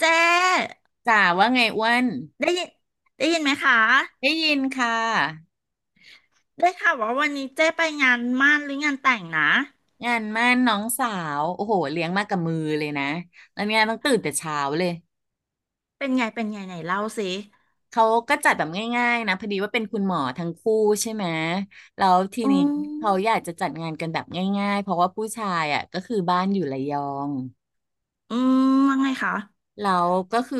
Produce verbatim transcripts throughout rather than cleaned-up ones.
เจ๊จ๋าว่าไงอ้วนได้ยินได้ยินไหมคะได้ยินค่ะได้ค่ะว่าวันนี้เจ๊ไปงานหมั่นหรืองานแต่งนะงานมั่นน้องสาวโอ้โหเลี้ยงมากับมือเลยนะแล้วเนี่ยต้องตื่นแต่เช้าเลยเป็นไงเป็นไงไหนเล่าสิเขาก็จัดแบบง่ายๆนะพอดีว่าเป็นคุณหมอทั้งคู่ใช่ไหมแล้วทีอืนี้มเขาอยากจะจัดงานกันแบบง่ายๆเพราะว่าผู้ชายอ่ะก็คือบ้านอยู่ระยองอืมว่าไงคะแล้วก็คือ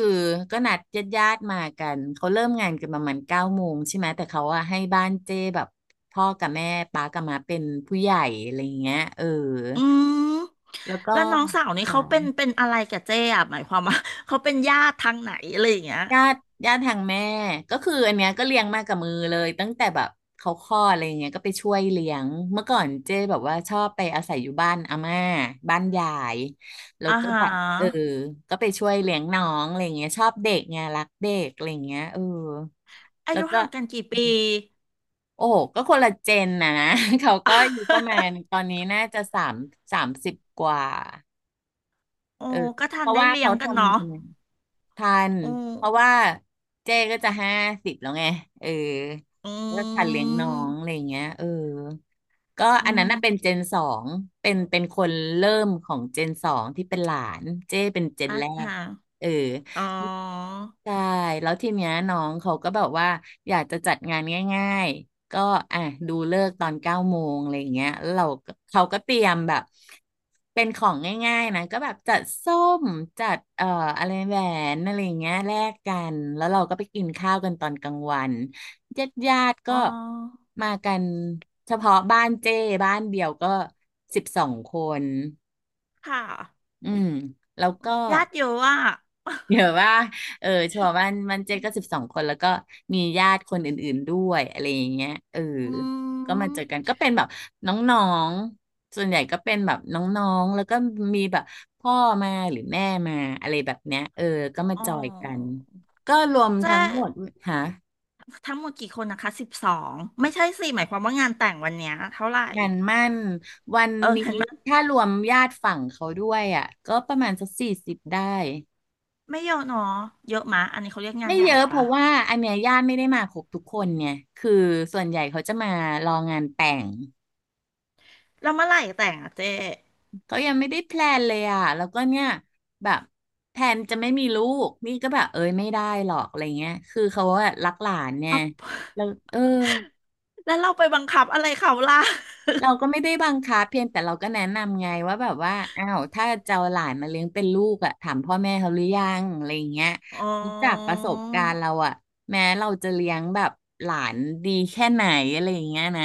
ก็นัดญาติๆมากันเขาเริ่มงานกันประมาณเก้าโมงใช่ไหมแต่เขาอะให้บ้านเจ้แบบพ่อกับแม่ป้ากับมาเป็นผู้ใหญ่อะไรอย่างเงี้ยเออ อืมแล้วก็แล้วน้องสาวนี่เขาเป็นค่ะเป็นอะไรกับเจ๊อะหมายความว่า เขาเป็นญาติทางไหนอะไรอย่างเงี้ยญาติญาติทางแม่ก็คืออันเนี้ยก็เลี้ยงมากับมือเลยตั้งแต่แบบเขาคลอดอะไรอย่างเงี้ยก็ไปช่วยเลี้ยงเมื่อก่อนเจ้แบบว่าชอบไปอาศัยอยู่บ้านอาม่าบ้านยายแล้วอ่าก็ฮแบบเออะก็ไปช่วยเลี้ยงน้องอะไรอย่างเงี้ยชอบเด็กไงรักเด็กอะไรอย่างเงี้ยเอออาแล้วยุก็ห่างกันกี่ปี โอ้โหก็คนละเจนนะนะ เขาก็อยู่ประมา ณตอนนี้น่าจะสามสามสิบกว่าโอ้เออก็ทัเพนราะได้ว่าเลี้ยเขางกันเนาะทำทำไม ทันโเพอราะว่าเจ๊ก็จะห้าสิบแล้วไง เอออืแล้วก็ทันเลี้ยงน้องอะไรมอย่างเงี้ยเออ ก็อือันนั้นน่ะเป็นมเจนสองเป็นเป็นคนเริ่มของเจนสองที่เป็นหลานเจ้เป็นเจนอ่าแรกฮะเอออ๋อใช่แล้วทีเนี้ยน้องเขาก็แบบว่าอยากจะจัดงานง่ายๆก็อ่ะดูเลิกษ์ตอนเก้าโมงอะไรอย่างเงี้ยแล้วเราก็เขาก็เตรียมแบบเป็นของง่ายๆนะก็แบบจัดส้มจัดเอ่ออะไรแหวนอะไรอย่างเงี้ยแลกกันแล้วเราก็ไปกินข้าวกันตอนกลางวัน ญาติญาติอ๋ก็อมากันเฉพาะบ้านเจ้บ้านเดี่ยวก็สิบสองคนค่ะ อืมแล้วก็ญาติเยอะอ่ะเดี๋ยวว่าเออเฉพาะบ้านบ้านเจ้ก็สิบสองคนแล้วก็มีญาติคนอื่นๆด้วยอะไรอย่างเงี้ยเอออืก็มาเจอกันมก็เป็นแบบน้องๆส่วนใหญ่ก็เป็นแบบน้องๆแล้วก็มีแบบพ่อมาหรือแม่มาอะไรแบบเนี้ยเออก็มาอ๋อจอยกันก็รวมเจ๊ทั้งหมดหา ทั้งหมดกี่คนนะคะสิบสองไม่ใช่สิหมายความว่างานแต่งวันเนี้ยเท่าไหร่งานมั่นวันเออนี้งั้นไม่ถ้ารวมญาติฝั่งเขาด้วยอ่ะก็ประมาณสักสี่สิบได้ไม่เยอะเนาะเยอะมะอันนี้เขาเรียกงาไม่นใหเยญ่อะเพปะราะว่าอันเนี้ยญาติไม่ได้มาครบทุกคนเนี่ยคือส่วนใหญ่เขาจะมารองานแต่งแล้วเมื่อไหร่แต่งอ่ะเจ๊เขายังไม่ได้แพลนเลยอ่ะแล้วก็เนี่ยแบบแพลนจะไม่มีลูกนี่ก็แบบเอ้ยไม่ได้หรอกอะไรเงี้ยคือเขาอะรักหลานเนี่ยเอา แล้วเออ แล้วเราไปบังคับอะไรเขาล่ะเราก็ไม่ได้บังคับเพียงแต่เราก็แนะนำไงว่าแบบว่าอ้าวถ้าจะเอาหลานมาเลี้ยงเป็นลูกอะถามพ่อแม่เขาหรือยังอะไรอย่างเงี้ยอ๋อจากประสบการณ์เราอะแม้เราจะเลี้ยงแบบหลานดีแค่ไหนอะไรอย่างเงี้ยนะ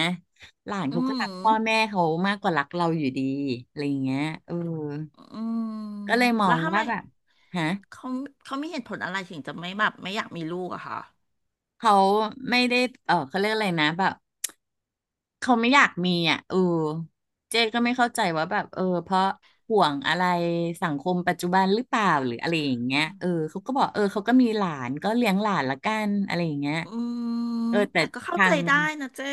หลานอืเขาก็มรักพ่อแม่เขามากกว่ารักเราอยู่ดีอะไรอย่างเงี้ยเอออืมก็เลยมอแล้วงทำไมว่าแบบฮะเขาเขามีเหตุผลอะไรถึงจะไม่แบบไม่อยากมีลูกอะคะ เขาไม่ได้เออเขาเรียกอะไรนะแบบ เขาไม่อยากมีอ่ะเออเจ๊ก็ไม่เข้าใจว่าแบบเออเพราะห่วงอะไรสังคมปัจจุบันหรือเปล่าหรืออะไรอย่างเงี้ยเออเขาก็บอกเออเขาก็มีหลานก็เลี้ยงหลานละกันอะไรอย่างเงี้ยอืมเออแต่แต่ก็เข้าทาใจงได้นะเจ้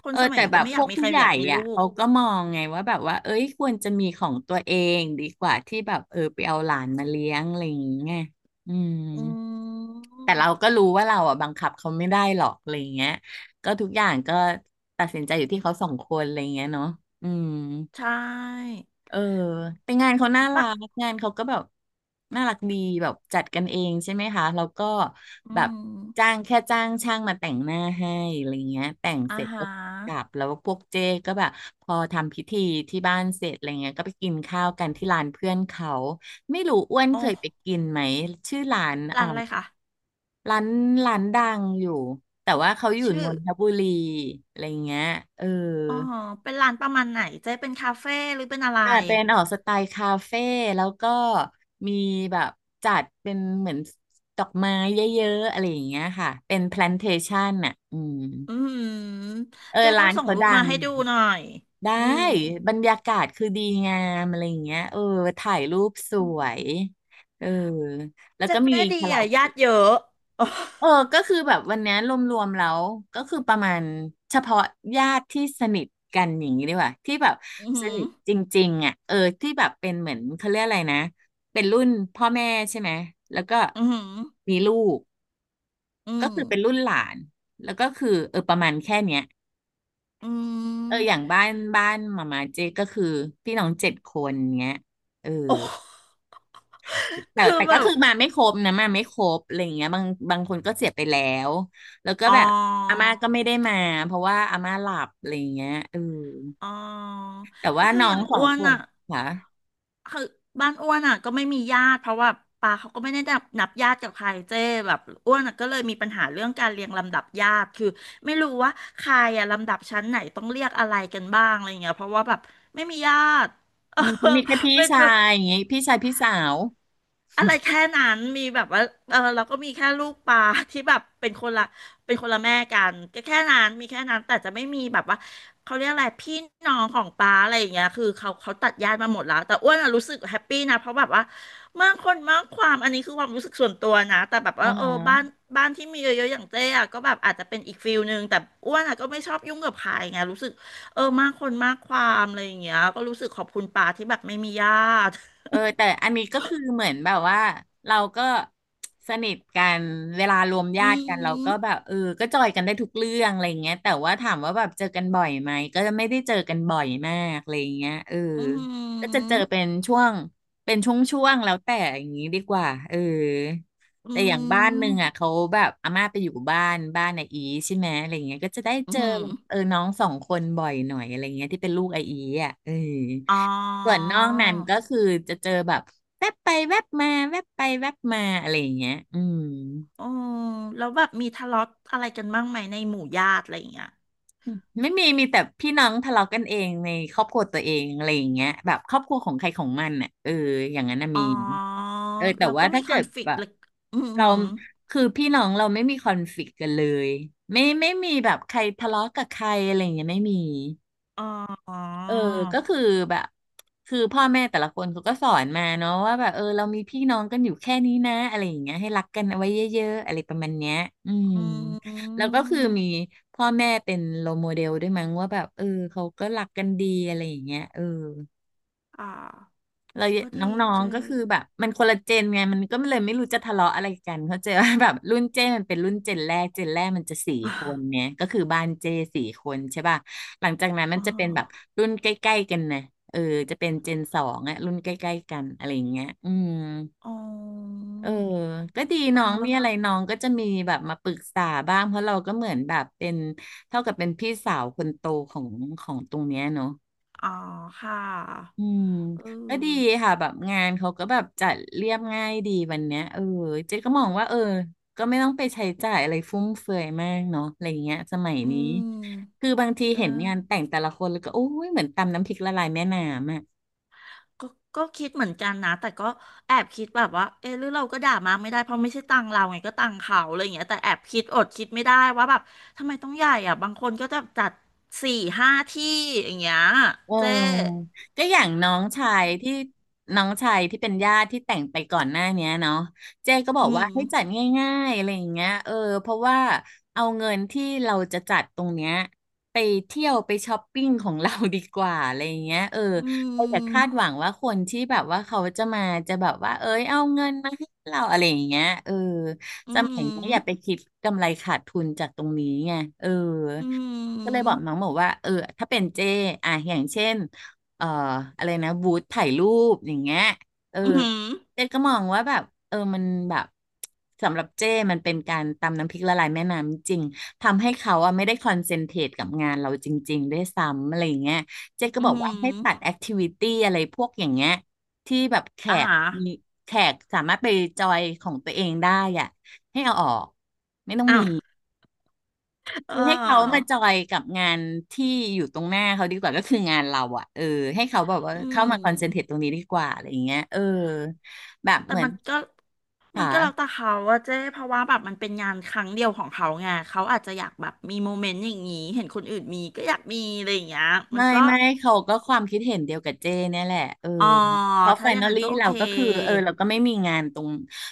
คเอนอสมัยแต่นี้แบก็บไม่พอยาวกกมีใคผู้รใหญ่อยากมีลูอ่ะกเขาก็มองไงว่าแบบว่าเอ้ยควรจะมีของตัวเองดีกว่าที่แบบเออไปเอาหลานมาเลี้ยงอะไรอย่างเงี้ยอืม อืแต่เราก็มรู้ว่าเราอ่ะบังคับเขาไม่ได้หรอกอะไรเงี้ยก็ทุกอย่างก็ตัดสินใจอยู่ที่เขาสองคนอะไรเงี้ยเนาะอืมใช่เออแต่งานเขาน่าบะรักงานเขาก็แบบน่ารักดีแบบจัดกันเองใช่ไหมคะแล้วก็อืแบบมจ้างแค่จ้างช่างมาแต่งหน้าให้อะไรเงี้ยแต่งอาเสร็จหาก็กลับรแล้วพวกเจ๊ก็แบบพอทำพิธีที่บ้านเสร็จอะไรเงี้ยก็ไปกินข้าวกันที่ร้านเพื่อนเขาไม่รู้อ้วนโอเคยไป้กินไหมชื่อร้านร้าอ่า นอะไรคะร้านร้านดังอยู่แต่ว่าเขาอยู่นชื่อนทบุรีอะไรเงี้ยเอออ๋อเป็นร้านประมาณไหนเจ๊เป็นคาเฟ่หรือเป็นอะไรอ่าเป็นออกสไตล์คาเฟ่แล้วก็มีแบบจัดเป็นเหมือนดอกไม้เยอะๆอะไรอย่างเงี้ยค่ะเป็นแพลนเทชันน่ะอืมอืมเออเจ๊ต้อร้างนส่งเขารูปดัมางให้ดูหน่อยได้อืมบรรยากาศคือดีงามอะไรอย่างเงี้ยเออถ่ายรูปสวยเออแล้วก็มีเจ๊ดีคาราอ่ะโอญาเกะ ติเยอะ เออก็คือแบบวันเนี้ยรวมๆแล้วก็คือประมาณเฉพาะญาติที่สนิทกันอย่างนี้ดีกว่าที่แบบ อืสมนิทจริงๆอ่ะเออที่แบบเป็นเหมือนเขาเรียกอะไรนะเป็นรุ่นพ่อแม่ใช่ไหมแล้วก็อหืมมีลูกออืก็มคือเป็นรุ่นหลานแล้วก็คือเออประมาณแค่เนี้ยอหืมออืมเอออย่างอืมบ้านบ้านมามาเจก็คือพี่น้องเจ็ดคนเงี้ยเออ โอ้แต่คือแต่แบก็บ คือมาไม่ครบนะมาไม่ครบอะไรอย่างเงี้ยบางบางคนก็เสียไปแล้วแล้วก็อ๋อแบบอาม่าก็ไม่ได้มาเพราะว่าอาม่าหลับอะไรอย่างเงี้ยเอออ๋อแต่ก็ว่าคือน้อองย่างสออ้งวคนนอ่ะค่ะคือบ้านอ้วนอ่ะก็ไม่มีญาติเพราะว่าปาเขาก็ไม่ได้นับนับญาติกับใครเจ้แบบอ้วนอ่ะก็เลยมีปัญหาเรื่องการเรียงลำดับญาติคือไม่รู้ว่าใครอ่ะลำดับชั้นไหนต้องเรียกอะไรกันบ้างอะไรเงี้ยเพราะว่าแบบไม่มีญาติ เอออืมฉันมีแค่พี่เป็นชาแบบ ยอย่างเงี้ยพี่ชายพี่สาวอะไรแค่นั้นมีแบบว่า เออเราก็มีแค่ลูกปลาที่แบบเป็นคนละเป็นคนละแม่กันก็แค่นั้นมีแค่นั้นแต่จะไม่มีแบบว่าเขาเรียกอะไรพี่น้องของปลาอะไรอย่างเงี้ยคือเขาเขาตัดญาติมาหมดแล้วแต่อ้วนอะรู้สึกแฮปปี้นะเพราะแบบว่ามากคนมากความอันนี้คือความรู้สึกส่วนตัวนะแต่แบบอ๋อว่าเออฮะ บ้านบ้านที่มีเยอะๆอย่างเจ๊อะก็แบบอาจจะเป็นอีกฟิลนึงแต่อ้วนอะก็ไม่ชอบยุ่งกับใครไงรู้สึกเออมากคนมากความอะไรอย่างเงี้ยก็รู้สึกขอบคุณปลาที่แบบไม่มีญาติเออแต่อันนี้ก็คือเหมือนแบบว่าเราก็สนิทกันเวลารวมญาอืติกันเราม ก็แบบเออก็จอยกันได้ทุกเรื่องอะไรอย่างเงี้ยแต่ว่าถามว่าแบบเจอกันบ่อยไหมก็จะไม่ได้เจอกันบ่อยมากอะไรอย่างเงี้ยเอออืมอก็จะืเจอเป็นช่วงเป็นช่วงๆแล้วแต่อย่างนี้ดีกว่าเอออืแต่อย่างบ้านหนึ่งอ่ะม เขาแบบอาม่าไปอยู่บ้านบ้านไออีใช่ไหมอะไรอย่างเงี้ยก็จะได้อืเจอมแบบเออน้องสองคนบ่อยหน่อยอะไรอย่างเงี้ยที่เป็นลูกไออีอ่ะเออ อ๋อส่วนนอกนั้นก็คือจะเจอแบบแวบไปแวบมาแวบไปแวบมาอะไรอย่างเงี้ยอืมโอ้แล้วแบบมีทะเลาะอะไรกันบ้างไหมในหมู่ญาติอะไรอย่างเงี้ยไม่มีมีแต่พี่น้องทะเลาะกันเองในครอบครัวตัวเองอะไรอย่างเงี้ยแบบครอบครัวของใครของมันอ่ะเอออย่างนั้นน่ะอ๋มีอเออแต่เราว่าก็มีถ้าคเกิอนดฟ แบ lict บเลยอืมอืเราอคือพี่น้องเราไม่มีคอนฟลิกต์กันเลยไม่ไม่มีแบบใครทะเลาะกับใครอะไรอย่างเงี้ยไม่มี อ๋อเออก็คือแบบคือพ่อแม่แต่ละคนเขาก็สอนมาเนาะว่าแบบเออเรามีพี่น้องกันอยู่แค่นี้นะอะไรอย่างเงี้ยให้รักกันเอาไว้เยอะๆอะไรประมาณเนี้ยอืมอืแล้วก็คือมีมพ่อแม่เป็นโรลโมเดลด้วยมั้งว่าแบบเออเขาก็รักกันดีอะไรอย่างเงี้ยเออ อ่าเราก็นดี้อเจงๆก็อ คือแบบมันคนละเจนไงมันก็เลยไม่รู้จะทะเลาะอะไรกันเขาใจว่า แบบรุ่นเจมันเป็นรุ่นเจนแรกเจนแรกมันจะสี่คนเนี่ย ก็คือบ้านเจสี่คนใช่ป่ะหลังจากนั้นมัอ๋นอจะเป็นแบบรุ่นใกล้ๆกันนะเออจะเป็นเจนสองอะรุ่นใกล้ๆกันอะไรอย่างเงี้ยอืมอ๋ออ๋อเออก็ดีฟัน้องงแล้มีวอะไรน้องก็จะมีแบบมาปรึกษาบ้างเพราะเราก็เหมือนแบบเป็นเท่ากับเป็นพี่สาวคนโตของของตรงเนี้ยเนาะ อ๋อค่ะอืมเอก็ดีอค่ะแบบงานเขาก็แบบจัดเรียบง่ายดีวันเนี้ยเออเจ๊ก็มองว่าเออก็ไม่ต้องไปใช้จ่ายอะไรฟุ่มเฟือยมากเนาะอะไรอย่างเงี้ยสมัยอืนี้คืมอบางทีใช่ เห็นงานแต่งแต่ละคนแล้วก็โอ้ยเหมือนตำน้ำพริกละลายแม่น้ำอ่ะ ก็ก็คิดเหมือนกันนะแต่ก็แอบคิดแบบว่าเออหรือเราก็ด่ามาไม่ได้เพราะไม่ใช่ตังเราไงก็ตังเขาอะไรอย่างเงี้ยแต่แอบคิดอดคิดไม่ได้ว่าแบบทำไมต้องใหญ่อ่ะบางคนก็จะจัดสี่ห้าที่อย่างเงี้ยเเจ๊ออก็อย่างน้องชายที่น้องชายที่เป็นญาติที่แต่งไปก่อนหน้าเนี้ยเนาะเจ๊ก็บอือกว่ามให้จัดง่ายๆอะไรอย่างเงี้ยเออเพราะว่าเอาเงินที่เราจะจัดตรงเนี้ยไปเที่ยวไปช้อปปิ้งของเรา ดีกว่าอะไรอย่างเงี้ยเอออืเราอย่าคาดมหวังว่าคนที่แบบว่าเขาจะมาจะแบบว่าเอ้ยเอาเงินมาให้เราอะไรอย่างเงี้ยเออสอืมัยนี้มอย่าไปคิดกำไรขาดทุนจากตรงนี้ไงเออ อืก็เลยบอกมน้องบอกว่าเออถ้าเป็นเจอ่ะอย่างเช่นเอ่ออะไรนะบูธถ่ายรูปอย่างเงี้ยเอออืมเจก็มองว่าแบบเออมันแบบสำหรับเจมันเป็นการตำน้ำพริกละลายแม่น้ำจริงทำให้เขาอะไม่ได้คอนเซนเทรตกับงานเราจริงๆด้วยซ้ำอะไรอย่างเงี้ยเจ๊ก็อืบอกมว่าให้ตัดแอคทิวิตี้อะไรพวกอย่างเงี้ยที่แบบแขอ่ากมีแขกสามารถไปจอยของตัวเองได้อ่ะให้เอาออก อ่ะ เคือให้เขามาออจอยกับงานที่อยู่ตรงหน้าเขาดีกว่าก็คืองานเราอะเออให้เขาแบบว่าอืเข้าม มาคอนเซนเทรตตรงนี้ดีกว่าอะไรอย่างเงี้ยเออแบบแต่เหมือนมันก็มัค่ะนก็แล้วแต่เขาอะเจ๊เพราะว่าแบบมันเป็นงานครั้งเดียวของเขาไงเขาอาจจะอยากแบบมีโมเมนต์อย่างนี้เห็นคนอื่นมีก็อยากมีอะไรอย่างเงี้ยมัไม่นก็ไม่เขาก็ความคิดเห็นเดียวกับเจ้เนี่ยแหละเอออ๋อเพราะไฟถ้าอย่านงลนั้นลี่ก็โอเราเคก็คือเออเราก็ไม่มีงานตรง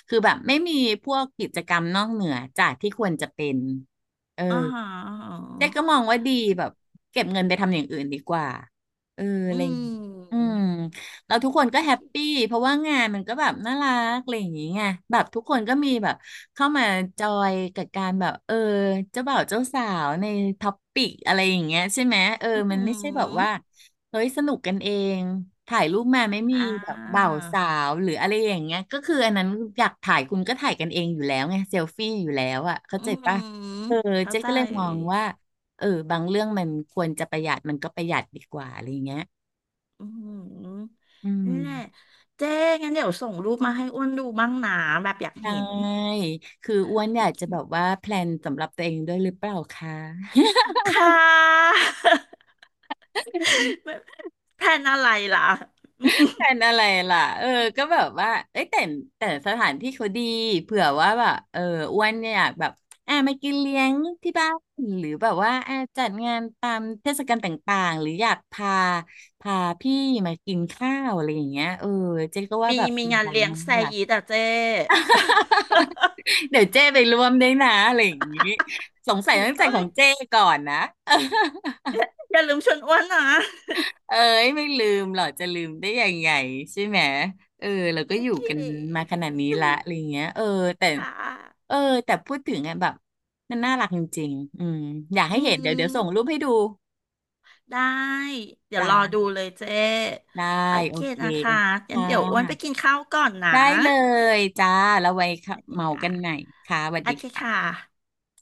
คือแบบไม่มีพวกกิจกรรมนอกเหนือจากที่ควรจะเป็นเออ อ่าฮะอาฮเจ๊ก็มะองว่าดีแบบเก็บเงินไปทำอย่างอื่นดีกว่าเอออะอืไรอย่างงี้อืมมแล้วทุกคนก็โอแฮเคปปี้เพราะว่างานมันก็แบบน่ารักอะไรอย่างงี้ไงแบบทุกคนก็มีแบบเข้ามาจอยกับการแบบเออเจ้าบ่าวเจ้าสาวในท็อปปิกอะไรอย่างเงี้ยใช่ไหมเอออืมันไม่ใช่แบบว่ามเฮ้ยสนุกกันเองถ่ายรูปมาไม่มีอ่แบบบ่าวาสาวหรืออะไรอย่างเงี้ยก็คืออันนั้นอยากถ่ายคุณก็ถ่ายกันเองอยู่แล้วไงเซลฟี่อยู่แล้วอ่ะเข้าอืใจปะมเออเข้าเจ๊ใจก็เลยมองว่า เออบางเรื่องมันควรจะประหยัดมันก็ประหยัดดีกว่าอะไรอย่างเงี้ยอืมอืมนี่นแหละเจ๊งั้นเดี๋ยวส่งรูปมาให้อ้วนดูบ้างนะแบบอยากได้เห็น คืออ้วนอยากจะแบบว่า แพลนสำหรับตัวเองด้วยหรือเปล่าคะ ค่ะ แพลนอะไรล่ะ แพลน อะไรล่ะเออก็แบบว่าเอ้ยแต่แต่สถานที่เขาดีเผื่อว่าแบบเอออ้วนเนี่ยอยากแบบอ่ะมากินเลี้ยงที่บ้านหรือแบบว่าอ่ะจัดงานตามเทศกาลต่างๆหรืออยากพาพาพี่มากินข้าวอะไรอย่างเงี้ยเออเจ๊ก็ว่ามีแบบมีงานเราเลี้ยงแซน่ารัก ยีแต่เจ๊ เดี๋ยวเจ้ไปร่วมด้วยนะอะไรอย่างนี้สงสัยต้องเอ้ใส่ขอยงเจ้ก่อนนะ อย่าลืมชวนอ้วนนะเอ้ยไม่ลืมหรอจะลืมได้ยังไงใช่ไหมเออเราก็โออยู่เคกันมาขนาดนี้ละอะไรเงี้ยเออแต่ค่ะเออแต่พูดถึงอะแบบมันน่ารักจริงๆอืมอยากให้อืเห็นเดี๋ยวเดี๋ยวมส่งรูปให้ดูได้ เดี๋ยวรอจ้าดูเลยเจ๊ได้โอโอเคเคนะคะงั้ค่นเดี๋ยวอ้วนไปะกินข้าวก่อนนะ ได้เลยจ้าแล้วไว้ค่ะโอเคเมาค่ะกันใหม่ค่ะสวัสโอดีเคค่ะค่ะ